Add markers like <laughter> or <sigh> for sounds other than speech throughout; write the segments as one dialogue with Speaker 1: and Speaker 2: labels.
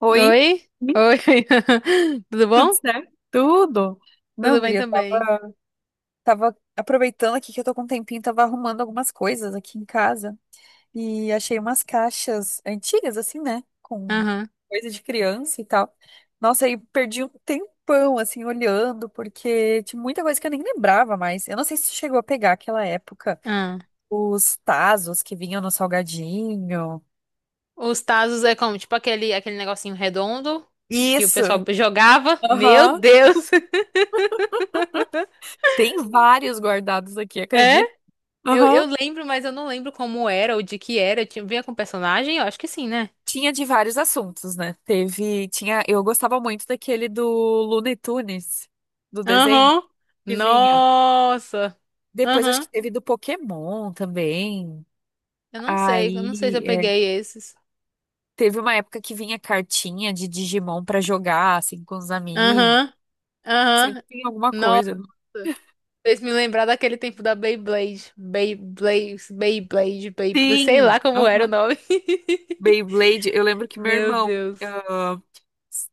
Speaker 1: Oi,
Speaker 2: Oi?
Speaker 1: Ih,
Speaker 2: Oi. <laughs> Tudo
Speaker 1: tudo
Speaker 2: bom?
Speaker 1: certo? Tudo. Não,
Speaker 2: Tudo bem
Speaker 1: guria,
Speaker 2: também.
Speaker 1: tava aproveitando aqui que eu tô com um tempinho, tava arrumando algumas coisas aqui em casa e achei umas caixas antigas, assim, né? Com
Speaker 2: Aham.
Speaker 1: coisa de criança e tal. Nossa, aí perdi um tempão, assim, olhando, porque tinha muita coisa que eu nem lembrava mais. Eu não sei se chegou a pegar aquela época,
Speaker 2: Ah.
Speaker 1: os tazos que vinham no salgadinho.
Speaker 2: Os tazos é como, tipo aquele, negocinho redondo que o
Speaker 1: Isso!
Speaker 2: pessoal jogava. Meu
Speaker 1: Aham.
Speaker 2: Deus! <laughs>
Speaker 1: Tem vários guardados aqui,
Speaker 2: É?
Speaker 1: acredito.
Speaker 2: Eu,
Speaker 1: Aham.
Speaker 2: eu lembro, mas eu não lembro como era ou de que era. Tinha, vinha com personagem? Eu acho que sim, né?
Speaker 1: Tinha de vários assuntos, né? Tinha, eu gostava muito daquele do Looney Tunes, do desenho
Speaker 2: Aham.
Speaker 1: que vinha.
Speaker 2: Nossa.
Speaker 1: Depois acho
Speaker 2: Aham.
Speaker 1: que teve do Pokémon também.
Speaker 2: Eu não sei. Eu não sei se eu
Speaker 1: Aí é,
Speaker 2: peguei esses.
Speaker 1: teve uma época que vinha cartinha de Digimon pra jogar assim com os amigos.
Speaker 2: Aham.
Speaker 1: Sempre
Speaker 2: Aham.
Speaker 1: tinha alguma
Speaker 2: Nossa.
Speaker 1: coisa.
Speaker 2: Fez me lembrar daquele tempo da Beyblade. Beyblade, Beyblade, Beyblade, sei lá
Speaker 1: Sim,
Speaker 2: como era o
Speaker 1: aham.
Speaker 2: nome.
Speaker 1: Beyblade. Eu lembro
Speaker 2: <laughs>
Speaker 1: que meu
Speaker 2: Meu
Speaker 1: irmão
Speaker 2: Deus.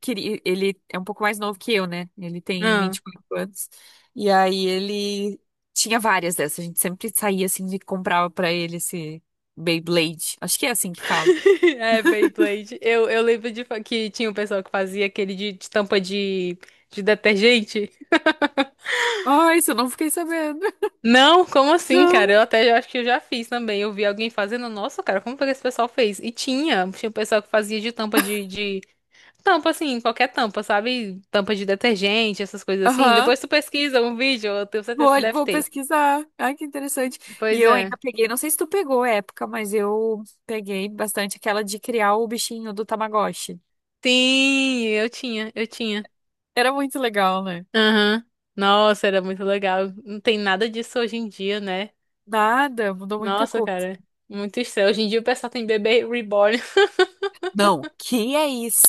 Speaker 1: queria, ele é um pouco mais novo que eu, né? Ele tem
Speaker 2: Ah.
Speaker 1: 24 anos. E aí ele tinha várias dessas. A gente sempre saía assim e comprava pra ele esse Beyblade. Acho que é assim que fala.
Speaker 2: <laughs> É, Beyblade. Eu lembro que tinha um pessoal que fazia aquele de tampa de detergente.
Speaker 1: Ai, isso eu não fiquei sabendo. <laughs>
Speaker 2: Não, como assim, cara?
Speaker 1: Não.
Speaker 2: Acho que eu já fiz também. Eu vi alguém fazendo. Nossa, cara, como foi que esse pessoal fez? E tinha, tinha um pessoal que fazia de tampa de tampa, assim, qualquer tampa, sabe? Tampa de detergente, essas coisas assim.
Speaker 1: Aham.
Speaker 2: Depois tu pesquisa um vídeo, eu tenho
Speaker 1: Vou,
Speaker 2: certeza que
Speaker 1: olh-
Speaker 2: deve
Speaker 1: vou
Speaker 2: ter.
Speaker 1: pesquisar. Ai, que interessante. E
Speaker 2: Pois
Speaker 1: eu ainda
Speaker 2: é.
Speaker 1: peguei, não sei se tu pegou a época, mas eu peguei bastante aquela de criar o bichinho do Tamagotchi.
Speaker 2: Sim, eu tinha.
Speaker 1: Era muito legal, né?
Speaker 2: Aham. Nossa, era muito legal. Não tem nada disso hoje em dia, né?
Speaker 1: Nada, mudou muita
Speaker 2: Nossa,
Speaker 1: coisa.
Speaker 2: cara. Muito estranho. Hoje em dia o pessoal tem bebê reborn.
Speaker 1: Não, que é isso?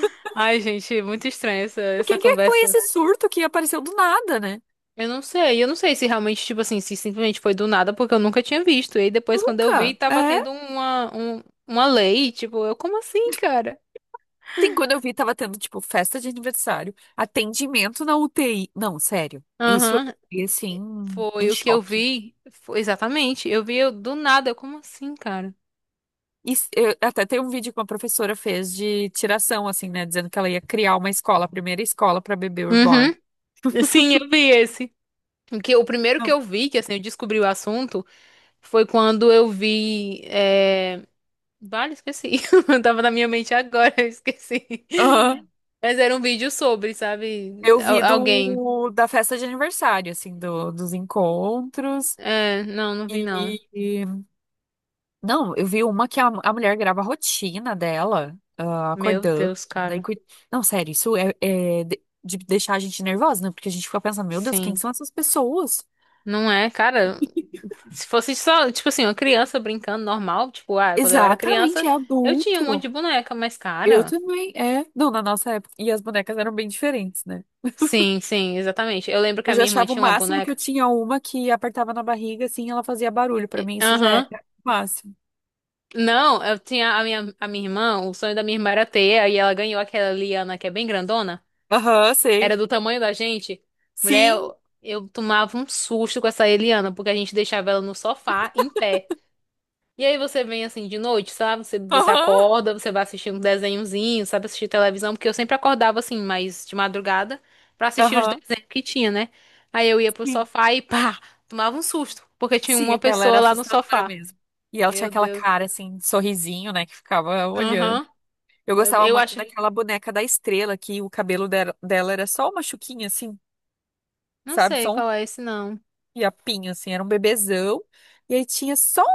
Speaker 2: <laughs> Ai, gente, muito estranha essa,
Speaker 1: O que que foi
Speaker 2: conversa.
Speaker 1: esse surto que apareceu do nada, né?
Speaker 2: Eu não sei se realmente, tipo assim, se simplesmente foi do nada, porque eu nunca tinha visto. E aí depois, quando eu vi,
Speaker 1: Nunca.
Speaker 2: tava
Speaker 1: É.
Speaker 2: tendo uma lei, tipo, eu, como assim, cara?
Speaker 1: Tem quando eu vi, tava tendo, tipo, festa de aniversário, atendimento na UTI. Não, sério. Isso eu
Speaker 2: Aham.
Speaker 1: fiquei, assim, em
Speaker 2: Foi o que eu
Speaker 1: choque.
Speaker 2: vi. Foi, exatamente. Do nada. Eu, como assim, cara?
Speaker 1: E até tem um vídeo que uma professora fez de tiração, assim, né? Dizendo que ela ia criar uma escola, a primeira escola pra bebê reborn.
Speaker 2: Uhum. Sim, eu vi esse. O primeiro que
Speaker 1: Não.
Speaker 2: eu vi, que assim, eu descobri o assunto, foi quando eu vi. É... Vale, esqueci. <laughs> Tava na minha mente agora, <laughs> eu esqueci.
Speaker 1: Aham.
Speaker 2: Mas era um vídeo sobre, sabe?
Speaker 1: Eu vi
Speaker 2: Alguém.
Speaker 1: da festa de aniversário, assim, dos encontros.
Speaker 2: É, não, não vi não.
Speaker 1: E, Não, eu vi uma que a mulher grava a rotina dela,
Speaker 2: Meu
Speaker 1: acordando.
Speaker 2: Deus,
Speaker 1: Daí,
Speaker 2: cara.
Speaker 1: cui- Não, sério, isso é de, deixar a gente nervosa, né? Porque a gente fica pensando, meu Deus, quem
Speaker 2: Sim.
Speaker 1: são essas pessoas?
Speaker 2: Não é, cara.
Speaker 1: <laughs>
Speaker 2: Se fosse só, tipo assim, uma criança brincando normal, tipo, ah, quando eu era
Speaker 1: Exatamente,
Speaker 2: criança,
Speaker 1: é
Speaker 2: eu tinha um
Speaker 1: adulto.
Speaker 2: monte de boneca, mas,
Speaker 1: Eu
Speaker 2: cara.
Speaker 1: também, é. Não, na nossa época. E as bonecas eram bem diferentes, né?
Speaker 2: Sim, sim, exatamente. Eu lembro que
Speaker 1: Eu
Speaker 2: a
Speaker 1: já
Speaker 2: minha irmã
Speaker 1: achava o
Speaker 2: tinha uma
Speaker 1: máximo que eu
Speaker 2: boneca.
Speaker 1: tinha uma que apertava na barriga, assim, ela fazia barulho. Pra mim, isso já é
Speaker 2: Aham.
Speaker 1: o máximo.
Speaker 2: Não, eu tinha a minha irmã, o sonho da minha irmã era ter, aí ela ganhou aquela Liana que é bem grandona.
Speaker 1: Aham,
Speaker 2: Era
Speaker 1: sei.
Speaker 2: do tamanho da gente. Mulher,
Speaker 1: Sim.
Speaker 2: eu tomava um susto com essa Eliana, porque a gente deixava ela no sofá, em pé. E aí você vem assim de noite, sabe? Você
Speaker 1: Aham.
Speaker 2: acorda, você vai assistir um desenhozinho, sabe? Assistir televisão, porque eu sempre acordava assim, mais de madrugada, pra assistir os
Speaker 1: Aham.
Speaker 2: desenhos que tinha, né? Aí eu ia pro
Speaker 1: Sim.
Speaker 2: sofá e pá, tomava um susto, porque tinha
Speaker 1: Sim,
Speaker 2: uma
Speaker 1: aquela era
Speaker 2: pessoa lá no
Speaker 1: assustadora
Speaker 2: sofá.
Speaker 1: mesmo. E ela tinha
Speaker 2: Meu
Speaker 1: aquela
Speaker 2: Deus.
Speaker 1: cara assim, sorrisinho, né, que ficava olhando.
Speaker 2: Aham.
Speaker 1: Eu
Speaker 2: Meu Deus.
Speaker 1: gostava
Speaker 2: Eu
Speaker 1: muito
Speaker 2: acho.
Speaker 1: daquela boneca da estrela, que o cabelo dela era só uma chuquinha, assim,
Speaker 2: Não
Speaker 1: sabe?
Speaker 2: sei
Speaker 1: Só um
Speaker 2: qual é esse, não.
Speaker 1: fiapinho, assim, era um bebezão. E aí tinha só um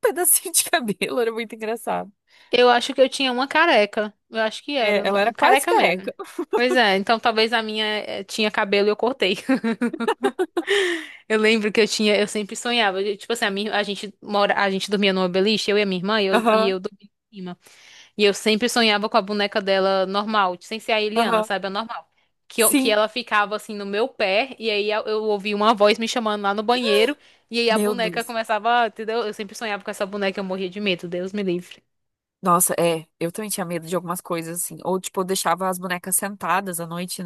Speaker 1: pedacinho de <laughs> cabelo, era muito engraçado.
Speaker 2: Eu acho que eu tinha uma careca. Eu acho que era.
Speaker 1: É, ela era quase
Speaker 2: Careca mesmo.
Speaker 1: careca.
Speaker 2: Pois é, então talvez a minha tinha cabelo e eu cortei. Eu lembro que eu tinha, eu sempre sonhava. Tipo assim, a gente a gente dormia numa beliche, eu e a minha irmã, e
Speaker 1: Aham,
Speaker 2: eu dormia em cima. E eu sempre sonhava com a boneca dela normal, sem ser a Eliana,
Speaker 1: aham.
Speaker 2: sabe? A normal. Que
Speaker 1: Sim,
Speaker 2: ela ficava assim no meu pé, e aí eu ouvia uma voz me chamando lá no banheiro, e aí a
Speaker 1: meu
Speaker 2: boneca
Speaker 1: Deus.
Speaker 2: começava, entendeu? Eu sempre sonhava com essa boneca, eu morria de medo, Deus me livre.
Speaker 1: Nossa, é, eu também tinha medo de algumas coisas, assim. Ou, tipo, eu deixava as bonecas sentadas à noite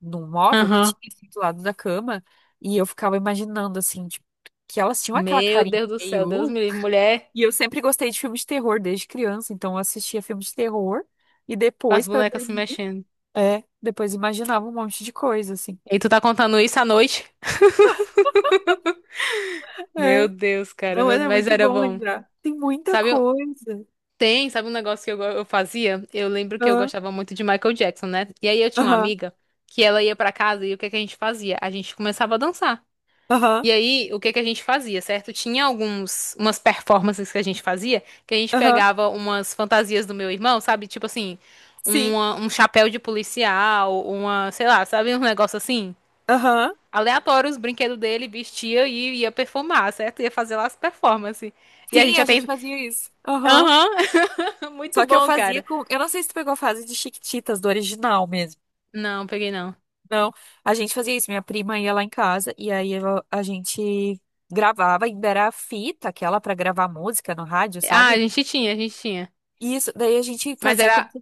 Speaker 1: num móvel que
Speaker 2: Aham.
Speaker 1: tinha assim, do lado da cama, e eu ficava imaginando, assim, tipo, que elas tinham aquela
Speaker 2: Meu
Speaker 1: carinha
Speaker 2: Deus do céu, Deus
Speaker 1: meio.
Speaker 2: me livre. Mulher,
Speaker 1: E eu sempre gostei de filmes de terror desde criança, então eu assistia filmes de terror e
Speaker 2: com
Speaker 1: depois,
Speaker 2: as
Speaker 1: pra
Speaker 2: bonecas se
Speaker 1: dormir,
Speaker 2: mexendo.
Speaker 1: é, depois imaginava um monte de coisa, assim.
Speaker 2: E tu tá contando isso à noite? <laughs> Meu
Speaker 1: É.
Speaker 2: Deus, cara,
Speaker 1: Não, era
Speaker 2: mas
Speaker 1: muito
Speaker 2: era
Speaker 1: bom
Speaker 2: bom.
Speaker 1: lembrar. Tem muita
Speaker 2: Sabe, eu-
Speaker 1: coisa.
Speaker 2: Tem, sabe um negócio que eu, eu fazia? Eu lembro que eu
Speaker 1: Aham,
Speaker 2: gostava muito de Michael Jackson, né? E aí eu tinha uma
Speaker 1: aham,
Speaker 2: amiga que ela ia pra casa e o que que a gente fazia? A gente começava a dançar.
Speaker 1: aham,
Speaker 2: E aí, o que que a gente fazia, certo? Tinha alguns, umas performances que a gente fazia, que a gente
Speaker 1: aham.
Speaker 2: pegava umas fantasias do meu irmão, sabe? Tipo assim,
Speaker 1: Sim,
Speaker 2: um chapéu de policial, uma, sei lá, sabe, um negócio assim?
Speaker 1: aham.
Speaker 2: Aleatório os brinquedos dele, vestia e ia performar, certo? Ia fazer lá as performances. E a gente
Speaker 1: Sim, a
Speaker 2: já
Speaker 1: gente
Speaker 2: tem.
Speaker 1: fazia isso. Aham.
Speaker 2: Aham, <laughs> muito
Speaker 1: Só que eu
Speaker 2: bom,
Speaker 1: fazia
Speaker 2: cara.
Speaker 1: com. Eu não sei se tu pegou a fase de Chiquititas, do original mesmo.
Speaker 2: Não, peguei não.
Speaker 1: Não, a gente fazia isso. Minha prima ia lá em casa e aí a gente gravava, ainda era a fita, aquela pra gravar música no rádio,
Speaker 2: Ah,
Speaker 1: sabe?
Speaker 2: a gente tinha.
Speaker 1: E isso, daí a gente
Speaker 2: Mas
Speaker 1: fazia como
Speaker 2: era.
Speaker 1: se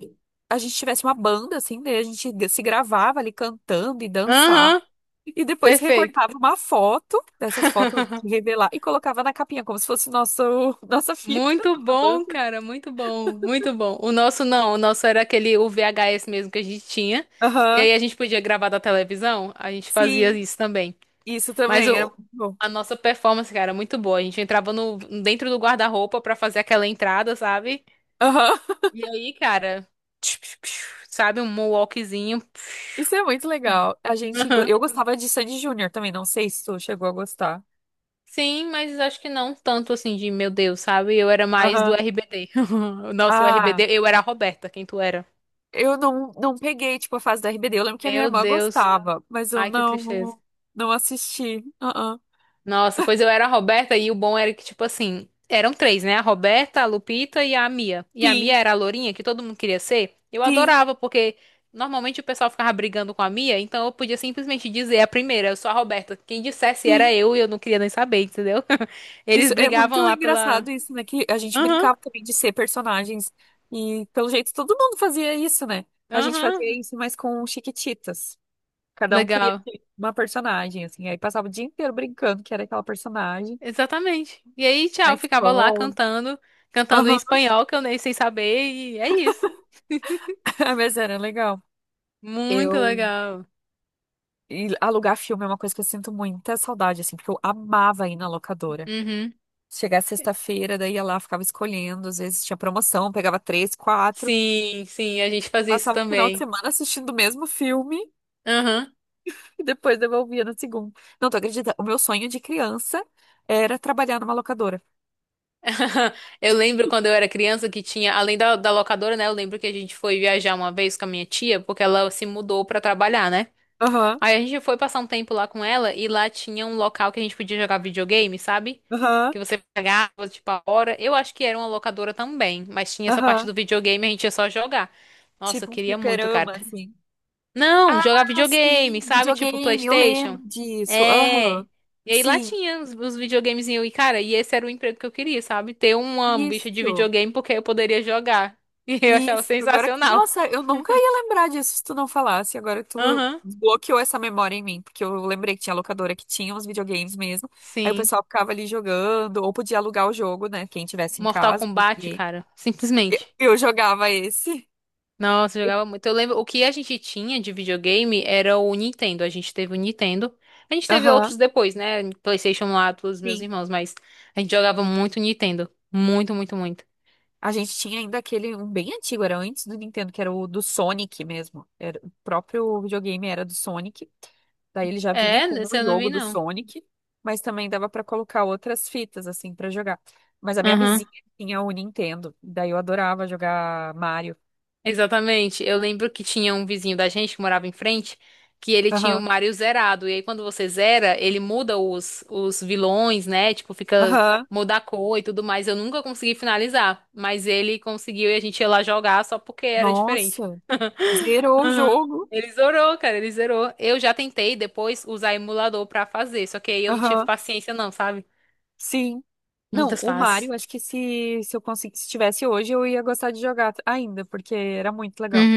Speaker 1: a gente tivesse uma banda, assim, daí a gente se gravava ali cantando e dançava.
Speaker 2: Aham,
Speaker 1: E depois
Speaker 2: perfeito.
Speaker 1: recortava uma foto dessas fotos de
Speaker 2: <laughs>
Speaker 1: revelar e colocava na capinha, como se fosse nosso, <laughs> nossa fita,
Speaker 2: Muito
Speaker 1: nossa banda.
Speaker 2: bom, cara, muito bom, muito bom. O nosso não, o nosso era aquele o VHS mesmo que a gente tinha. E
Speaker 1: Aham,
Speaker 2: aí a gente podia gravar da televisão, a gente fazia
Speaker 1: sim,
Speaker 2: isso também.
Speaker 1: isso
Speaker 2: Mas
Speaker 1: também é
Speaker 2: o,
Speaker 1: muito bom.
Speaker 2: a nossa performance, cara, é muito boa. A gente entrava no, dentro do guarda-roupa pra fazer aquela entrada, sabe?
Speaker 1: Aham.
Speaker 2: E aí, cara, <tsk> sabe, um moonwalkzinho.
Speaker 1: Isso é muito
Speaker 2: <tsk>
Speaker 1: legal. A gente, go-
Speaker 2: Aham.
Speaker 1: eu gostava de Sandy Júnior também, não sei se tu chegou a gostar.
Speaker 2: Sim, mas acho que não tanto assim de meu Deus, sabe? Eu era mais do
Speaker 1: Aham.
Speaker 2: RBD. <laughs> Nossa, o
Speaker 1: Ah,
Speaker 2: RBD, eu era a Roberta, quem tu era?
Speaker 1: eu não peguei, tipo, a fase da RBD. Eu lembro que a minha
Speaker 2: Meu
Speaker 1: irmã
Speaker 2: Deus,
Speaker 1: gostava, mas eu
Speaker 2: ai que tristeza.
Speaker 1: não assisti. Ah,
Speaker 2: Nossa, pois eu era a Roberta e o bom era que, tipo assim, eram três, né? A Roberta, a Lupita e a Mia. E a
Speaker 1: sim.
Speaker 2: Mia era a lourinha que todo mundo queria ser. Eu
Speaker 1: Sim,
Speaker 2: adorava, porque normalmente o pessoal ficava brigando com a Mia, então eu podia simplesmente dizer a primeira, eu sou a Roberta. Quem dissesse era
Speaker 1: sim.
Speaker 2: eu e eu não queria nem saber, entendeu? <laughs> Eles
Speaker 1: Isso é muito
Speaker 2: brigavam lá pela.
Speaker 1: engraçado isso, né? Que a gente
Speaker 2: Aham,
Speaker 1: brincava também de ser personagens. E pelo jeito todo mundo fazia isso, né? A gente
Speaker 2: aham,
Speaker 1: fazia isso, mas com Chiquititas. Cada um queria
Speaker 2: legal.
Speaker 1: ser uma personagem, assim. Aí passava o dia inteiro brincando que era aquela personagem.
Speaker 2: Exatamente. E aí,
Speaker 1: Na
Speaker 2: tchau, eu ficava lá
Speaker 1: escola.
Speaker 2: cantando, cantando em
Speaker 1: Aham,
Speaker 2: espanhol que eu nem sei saber, e é isso. <laughs>
Speaker 1: <laughs> mas era legal.
Speaker 2: Muito
Speaker 1: Eu
Speaker 2: legal.
Speaker 1: e alugar filme é uma coisa que eu sinto muita saudade, assim, porque eu amava ir na locadora.
Speaker 2: Uhum.
Speaker 1: Chegar sexta-feira, daí ia lá, ficava escolhendo, às vezes tinha promoção, pegava três, quatro,
Speaker 2: Sim, sim, a gente fazia isso
Speaker 1: passava o final de
Speaker 2: também.
Speaker 1: semana assistindo o mesmo filme
Speaker 2: Aham.
Speaker 1: e depois devolvia no segundo. Não, tu acredita? O meu sonho de criança era trabalhar numa locadora.
Speaker 2: <laughs> Eu lembro quando eu era criança que tinha, além da locadora, né? Eu lembro que a gente foi viajar uma vez com a minha tia, porque ela se mudou pra trabalhar, né?
Speaker 1: Aham,
Speaker 2: Aí a gente foi passar um tempo lá com ela e lá tinha um local que a gente podia jogar videogame, sabe?
Speaker 1: aham,
Speaker 2: Que você pagava, tipo, a hora. Eu acho que era uma locadora também, mas tinha essa parte
Speaker 1: aham.
Speaker 2: do videogame, a gente ia só jogar. Nossa, eu
Speaker 1: Tipo um
Speaker 2: queria muito, cara.
Speaker 1: fliperama, assim.
Speaker 2: Não,
Speaker 1: Ah,
Speaker 2: jogar
Speaker 1: sim,
Speaker 2: videogame, sabe? Tipo
Speaker 1: videogame, eu lembro
Speaker 2: PlayStation.
Speaker 1: disso.
Speaker 2: É.
Speaker 1: Aham.
Speaker 2: E aí lá
Speaker 1: Sim,
Speaker 2: tinha os videogames e, cara, e esse era o emprego que eu queria, sabe? Ter uma bicha de
Speaker 1: isso,
Speaker 2: videogame porque eu poderia jogar. <laughs> E eu achava
Speaker 1: isso. Agora que.
Speaker 2: sensacional.
Speaker 1: Nossa, eu nunca ia lembrar disso se tu não falasse. Agora tu
Speaker 2: Aham.
Speaker 1: bloqueou essa memória em mim, porque eu lembrei que tinha locadora que tinha uns videogames mesmo. Aí o
Speaker 2: Sim.
Speaker 1: pessoal ficava ali jogando, ou podia alugar o jogo, né? Quem tivesse em
Speaker 2: Mortal
Speaker 1: casa.
Speaker 2: Kombat,
Speaker 1: E
Speaker 2: cara. Simplesmente.
Speaker 1: eu jogava esse.
Speaker 2: Nossa, eu jogava muito. Eu lembro, o que a gente tinha de videogame era o Nintendo. A gente teve o Nintendo. A gente teve
Speaker 1: Aham.
Speaker 2: outros depois, né? PlayStation lá dos meus
Speaker 1: Sim.
Speaker 2: irmãos, mas a gente jogava muito Nintendo. Muito, muito, muito.
Speaker 1: A gente tinha ainda aquele, um bem antigo, era antes do Nintendo, que era o do Sonic mesmo. Era, o próprio videogame era do Sonic. Daí ele já vinha
Speaker 2: É,
Speaker 1: com
Speaker 2: esse
Speaker 1: um
Speaker 2: eu não
Speaker 1: jogo
Speaker 2: vi,
Speaker 1: do
Speaker 2: não.
Speaker 1: Sonic, mas também dava pra colocar outras fitas, assim, pra jogar. Mas a minha
Speaker 2: Aham,
Speaker 1: vizinha tinha o Nintendo, daí eu adorava jogar Mario.
Speaker 2: exatamente. Eu lembro que tinha um vizinho da gente que morava em frente, que ele tinha o
Speaker 1: Aham,
Speaker 2: Mario zerado. E aí, quando você zera, ele muda os vilões, né? Tipo, fica,
Speaker 1: aham.
Speaker 2: muda a cor e tudo mais. Eu nunca consegui finalizar, mas ele conseguiu e a gente ia lá jogar só porque era diferente.
Speaker 1: Nossa, zerou o
Speaker 2: Aham.
Speaker 1: jogo.
Speaker 2: Ele zerou, cara, ele zerou. Eu já tentei depois usar emulador pra fazer, só que aí eu não tive
Speaker 1: Aham,
Speaker 2: paciência, não, sabe?
Speaker 1: sim. Não,
Speaker 2: Muitas
Speaker 1: o Mario,
Speaker 2: fases.
Speaker 1: acho que se eu conseguisse, se tivesse hoje, eu ia gostar de jogar ainda, porque era muito legal,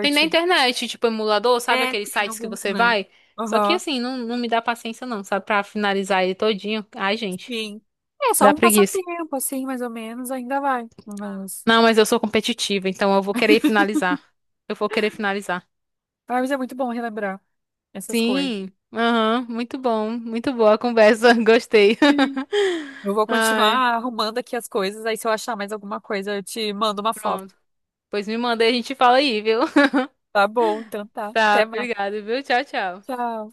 Speaker 2: Tem na internet, tipo emulador, sabe
Speaker 1: É,
Speaker 2: aqueles
Speaker 1: tem
Speaker 2: sites que
Speaker 1: algum,
Speaker 2: você
Speaker 1: né?
Speaker 2: vai? Só que
Speaker 1: Aham,
Speaker 2: assim, não, não me dá paciência não, sabe? Pra finalizar ele todinho. Ai, gente,
Speaker 1: sim. É só
Speaker 2: dá
Speaker 1: um
Speaker 2: preguiça.
Speaker 1: passatempo, assim, mais ou menos, ainda vai. Mas,
Speaker 2: Não, mas eu sou competitiva, então eu vou querer finalizar. Eu vou querer finalizar.
Speaker 1: ah, mas é muito bom relembrar essas coisas.
Speaker 2: Sim, aham, muito bom, muito boa a conversa, <laughs> gostei.
Speaker 1: Sim. Eu vou
Speaker 2: <laughs> Ai,
Speaker 1: continuar arrumando aqui as coisas, aí se eu achar mais alguma coisa, eu te mando uma foto.
Speaker 2: pronto. Pois me manda e a gente fala aí, viu? <laughs>
Speaker 1: Tá bom, então tá.
Speaker 2: Tá,
Speaker 1: Até mais.
Speaker 2: obrigada, viu? Tchau, tchau.
Speaker 1: Tchau.